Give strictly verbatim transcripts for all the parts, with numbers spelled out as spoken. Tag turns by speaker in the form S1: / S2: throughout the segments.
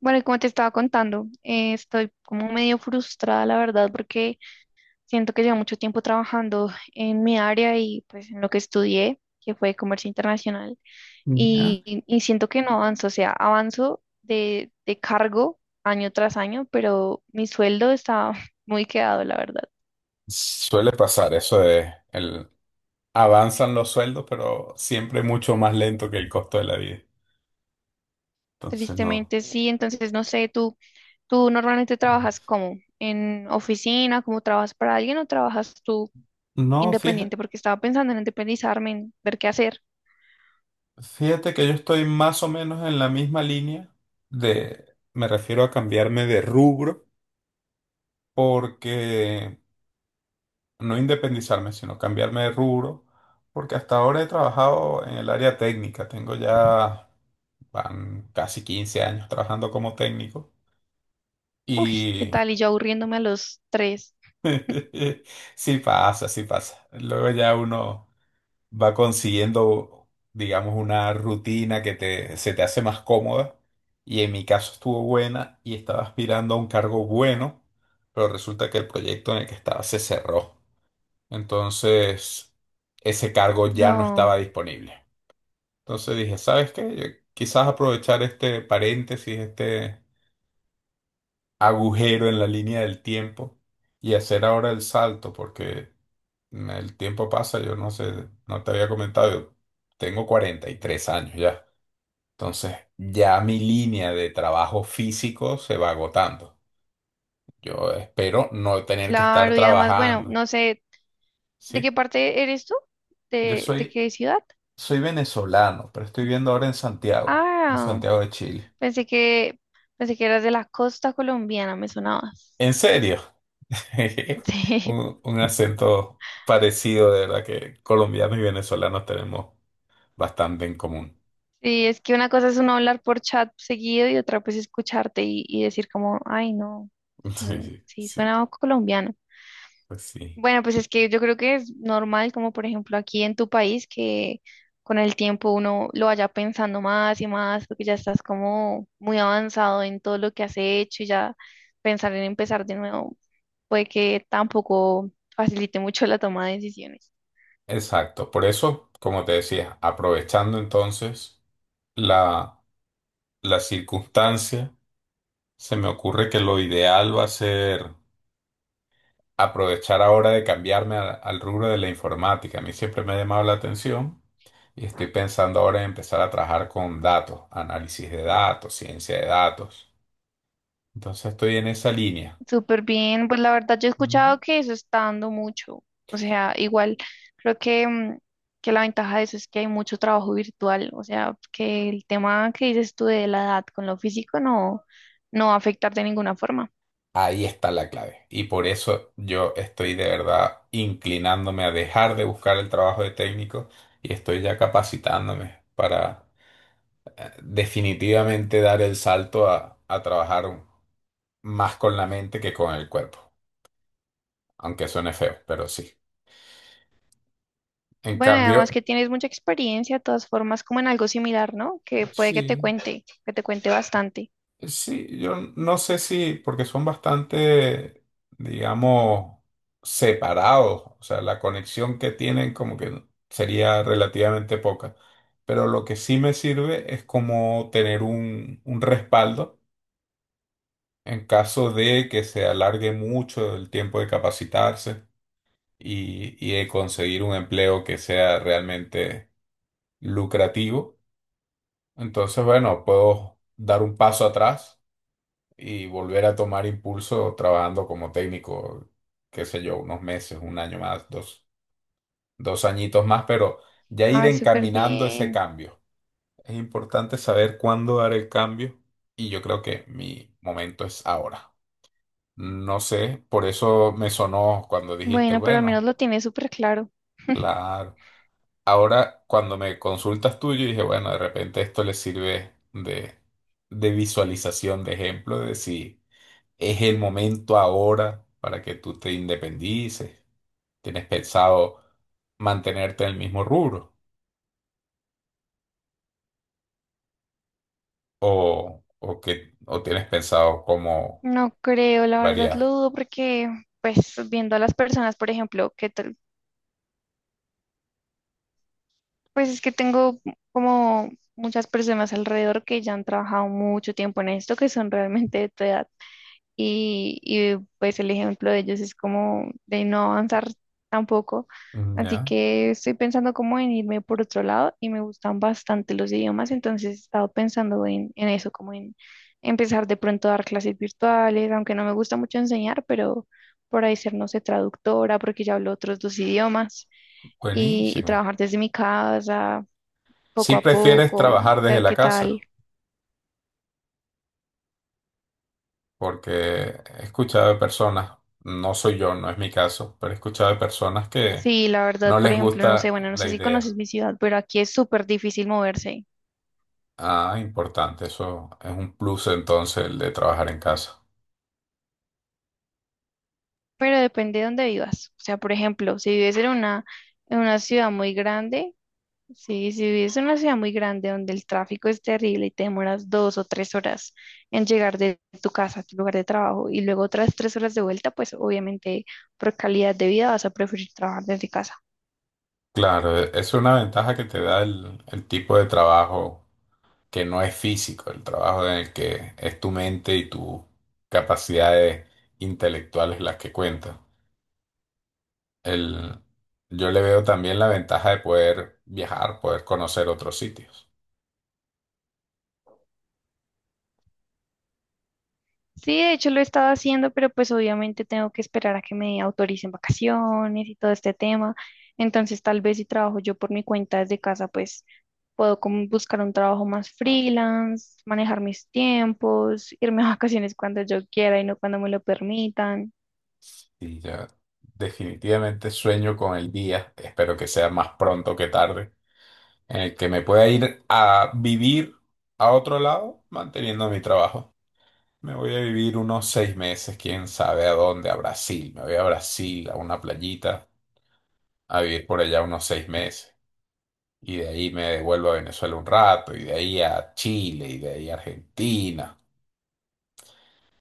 S1: Bueno, y como te estaba contando, eh, estoy como medio frustrada, la verdad, porque siento que llevo mucho tiempo trabajando en mi área y pues en lo que estudié, que fue comercio internacional,
S2: Ya.
S1: y, y siento que no avanzo, o sea, avanzo de, de cargo año tras año, pero mi sueldo está muy quedado, la verdad.
S2: Suele pasar eso de el, avanzan los sueldos, pero siempre mucho más lento que el costo de la vida. Entonces no.
S1: Tristemente sí, entonces no sé, tú, tú normalmente trabajas como en oficina, como trabajas para alguien o trabajas tú
S2: No, fíjate,
S1: independiente, porque estaba pensando en independizarme, en ver qué hacer.
S2: fíjate que yo estoy más o menos en la misma línea de, me refiero a cambiarme de rubro, porque no independizarme, sino cambiarme de rubro, porque hasta ahora he trabajado en el área técnica, tengo ya van casi quince años trabajando como técnico.
S1: Uy, ¿qué
S2: Y
S1: tal? Y yo aburriéndome a los tres.
S2: Sí pasa, sí pasa. Luego ya uno va consiguiendo, digamos, una rutina que te, se te hace más cómoda. Y en mi caso estuvo buena y estaba aspirando a un cargo bueno, pero resulta que el proyecto en el que estaba se cerró. Entonces, ese cargo ya no estaba
S1: No,
S2: disponible. Entonces dije, ¿sabes qué? Yo quizás aprovechar este paréntesis, este agujero en la línea del tiempo y hacer ahora el salto, porque… El tiempo pasa, yo no sé, no te había comentado, yo tengo cuarenta y tres años ya. Entonces, ya mi línea de trabajo físico se va agotando. Yo espero no tener que estar
S1: claro, y además, bueno,
S2: trabajando,
S1: no sé, ¿de qué
S2: ¿sí?
S1: parte eres tú?
S2: Yo
S1: ¿De, de
S2: soy,
S1: qué ciudad?
S2: soy venezolano, pero estoy viendo ahora en Santiago, en
S1: Ah,
S2: Santiago de Chile.
S1: pensé que, pensé que eras de la costa colombiana, me sonabas.
S2: ¿En serio?
S1: Sí,
S2: Un, un acento parecido, de verdad que colombianos y venezolanos tenemos bastante en común.
S1: sí, es que una cosa es uno hablar por chat seguido y otra pues escucharte y, y decir como, ay, no, no,
S2: Sí,
S1: sí,
S2: sí,
S1: suena colombiano.
S2: pues sí.
S1: Bueno, pues es que yo creo que es normal, como por ejemplo aquí en tu país, que con el tiempo uno lo vaya pensando más y más, porque ya estás como muy avanzado en todo lo que has hecho y ya pensar en empezar de nuevo puede que tampoco facilite mucho la toma de decisiones.
S2: Exacto, por eso, como te decía, aprovechando entonces la, la circunstancia, se me ocurre que lo ideal va a ser aprovechar ahora de cambiarme a- al rubro de la informática. A mí siempre me ha llamado la atención y estoy pensando ahora en empezar a trabajar con datos, análisis de datos, ciencia de datos. Entonces estoy en esa línea.
S1: Súper bien, pues la verdad yo he escuchado que eso está dando mucho, o sea, igual creo que, mm, que la ventaja de eso es que hay mucho trabajo virtual, o sea, que el tema que dices tú de la edad con lo físico no, no va a afectar de ninguna forma.
S2: Ahí está la clave. Y por eso yo estoy de verdad inclinándome a dejar de buscar el trabajo de técnico y estoy ya capacitándome para eh, definitivamente dar el salto a, a trabajar más con la mente que con el cuerpo. Aunque suene feo, pero sí. En
S1: Bueno, y además
S2: cambio,
S1: que tienes mucha experiencia, de todas formas, como en algo similar, ¿no? Que puede que te
S2: sí.
S1: cuente, que te cuente bastante.
S2: Sí, yo no sé si, porque son bastante, digamos, separados, o sea, la conexión que tienen como que sería relativamente poca, pero lo que sí me sirve es como tener un, un respaldo en caso de que se alargue mucho el tiempo de capacitarse y, y de conseguir un empleo que sea realmente lucrativo. Entonces, bueno, puedo dar un paso atrás y volver a tomar impulso trabajando como técnico, qué sé yo, unos meses, un año más, dos, dos añitos más, pero ya ir
S1: Ah, súper
S2: encaminando ese
S1: bien.
S2: cambio. Es importante saber cuándo dar el cambio y yo creo que mi momento es ahora. No sé, por eso me sonó cuando dijiste,
S1: Bueno, pero al menos
S2: bueno,
S1: lo tienes súper claro.
S2: claro. Ahora, cuando me consultas tú, yo dije, bueno, de repente esto le sirve de, de visualización, de ejemplo, de si es el momento ahora para que tú te independices. ¿Tienes pensado mantenerte en el mismo rubro? ¿O, o, que, o tienes pensado cómo
S1: No creo, la verdad lo
S2: variar?
S1: dudo porque, pues, viendo a las personas, por ejemplo, que tal- pues es que tengo como muchas personas alrededor que ya han trabajado mucho tiempo en esto, que son realmente de tu edad. Y, y, pues el ejemplo de ellos es como de no avanzar tampoco.
S2: Mm,
S1: Así
S2: ya,
S1: que estoy pensando como en irme por otro lado y me gustan bastante los idiomas, entonces he estado pensando en, en eso, como en empezar de pronto a dar clases virtuales, aunque no me gusta mucho enseñar, pero por ahí ser, no sé, traductora, porque ya hablo otros dos idiomas y, y
S2: buenísimo.
S1: trabajar desde mi casa
S2: Si
S1: poco a
S2: prefieres
S1: poco,
S2: trabajar desde
S1: ver
S2: la
S1: qué
S2: casa,
S1: tal.
S2: porque he escuchado de personas, no soy yo, no es mi caso, pero he escuchado de personas que
S1: Sí, la verdad,
S2: no
S1: por
S2: les
S1: ejemplo, no sé,
S2: gusta
S1: bueno, no
S2: la
S1: sé si conoces
S2: idea.
S1: mi ciudad, pero aquí es súper difícil moverse,
S2: Ah, importante, eso es un plus entonces el de trabajar en casa.
S1: pero depende de dónde vivas. O sea, por ejemplo, si vives en una, en una ciudad muy grande, sí, si vives en una ciudad muy grande donde el tráfico es terrible y te demoras dos o tres horas en llegar de tu casa a tu lugar de trabajo y luego otras tres horas de vuelta, pues obviamente por calidad de vida vas a preferir trabajar desde casa.
S2: Claro, e- es una ventaja que te da el, el tipo de trabajo que no es físico, el trabajo en el que es tu mente y tus capacidades intelectuales las que cuentan. El, yo le veo también la ventaja de poder viajar, poder conocer otros sitios.
S1: Sí, de hecho lo he estado haciendo, pero pues obviamente tengo que esperar a que me autoricen vacaciones y todo este tema. Entonces, tal vez si trabajo yo por mi cuenta desde casa, pues puedo como buscar un trabajo más freelance, manejar mis tiempos, irme a vacaciones cuando yo quiera y no cuando me lo permitan.
S2: Y ya definitivamente sueño con el día, espero que sea más pronto que tarde, en el que me pueda ir a vivir a otro lado manteniendo mi trabajo. Me voy a vivir unos seis meses, quién sabe a dónde, a Brasil. Me voy a Brasil, a una playita, a vivir por allá unos seis meses. Y de ahí me devuelvo a Venezuela un rato, y de ahí a Chile, y de ahí a Argentina.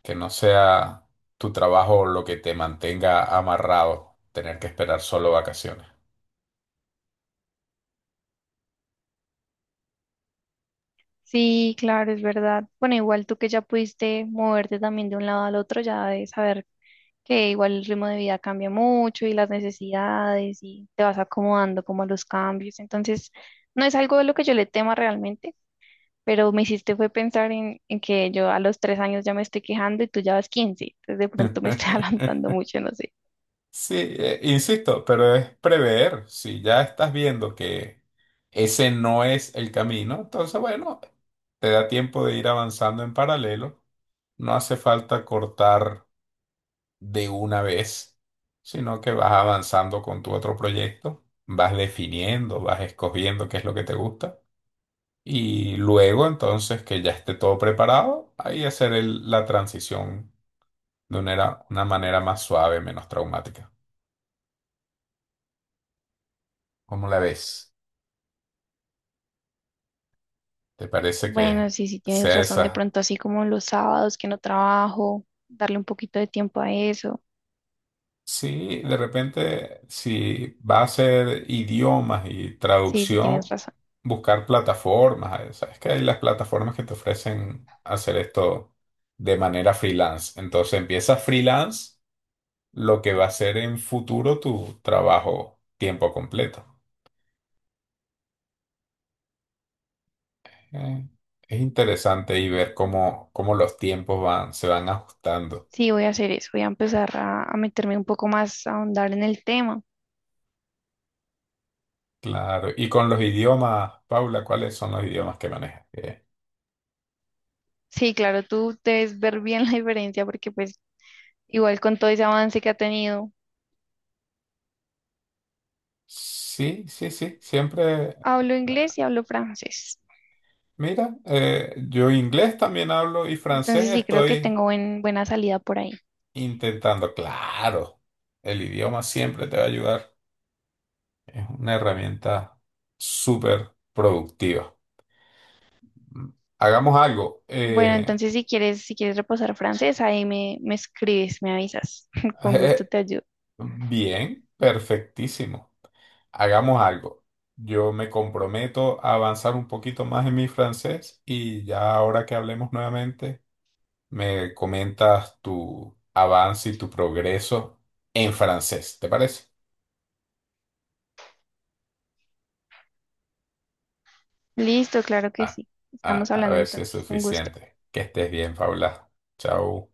S2: Que no sea tu trabajo lo que te mantenga amarrado, tener que esperar solo vacaciones.
S1: Sí, claro, es verdad. Bueno, igual tú que ya pudiste moverte también de un lado al otro, ya de saber que igual el ritmo de vida cambia mucho y las necesidades y te vas acomodando como a los cambios. Entonces, no es algo de lo que yo le tema realmente, pero me hiciste fue pensar en, en que yo a los tres años ya me estoy quejando y tú ya vas quince entonces de pronto me estoy adelantando mucho, no sé.
S2: Sí, eh, insisto, pero es prever. Si ya estás viendo que ese no es el camino, entonces, bueno, te da tiempo de ir avanzando en paralelo. No hace falta cortar de una vez, sino que vas avanzando con tu otro proyecto, vas definiendo, vas escogiendo qué es lo que te gusta. Y luego, entonces, que ya esté todo preparado, ahí hacer el- la transición de una, era- una manera más suave, menos traumática. ¿Cómo la ves? ¿Te parece
S1: Bueno,
S2: que
S1: sí, sí tienes
S2: sea
S1: razón, de
S2: esa?
S1: pronto así como los sábados que no trabajo, darle un poquito de tiempo a eso.
S2: Sí, de repente, si va a ser idiomas y
S1: Sí, sí tienes
S2: traducción,
S1: razón.
S2: buscar plataformas. eh, Sabes que hay las plataformas que te ofrecen hacer esto de manera freelance. Entonces empieza freelance, lo que va a ser en futuro tu trabajo tiempo completo. Eh, es interesante y ver cómo, cómo los tiempos van, se van ajustando.
S1: Sí, voy a hacer eso, voy a empezar a, a meterme un poco más, a ahondar en el tema.
S2: Claro. Y con los idiomas, Paula, ¿cuáles son los idiomas que manejas? Eh,
S1: Sí, claro, tú debes ver bien la diferencia porque pues igual con todo ese avance que ha tenido,
S2: Sí, sí, sí, siempre.
S1: hablo inglés y hablo francés.
S2: Mira, eh, yo inglés también hablo y francés
S1: Entonces sí creo que
S2: estoy
S1: tengo buen- buena salida por ahí.
S2: intentando. Claro, el idioma siempre te va a ayudar. Es una herramienta súper productiva. Hagamos algo.
S1: Bueno,
S2: eh,
S1: entonces si quieres, si quieres reposar francés, ahí me, me escribes, me avisas. Con gusto
S2: eh,
S1: te ayudo.
S2: bien, perfectísimo. Hagamos algo. Yo me comprometo a avanzar un poquito más en mi francés y ya ahora que hablemos nuevamente. Me comentas tu avance y tu progreso en francés, ¿te parece?
S1: Listo, claro que
S2: Ah,
S1: sí.
S2: ah,
S1: Estamos
S2: a
S1: hablando
S2: ver si es
S1: entonces. Un gusto.
S2: suficiente. Que estés bien, Paula. Chao.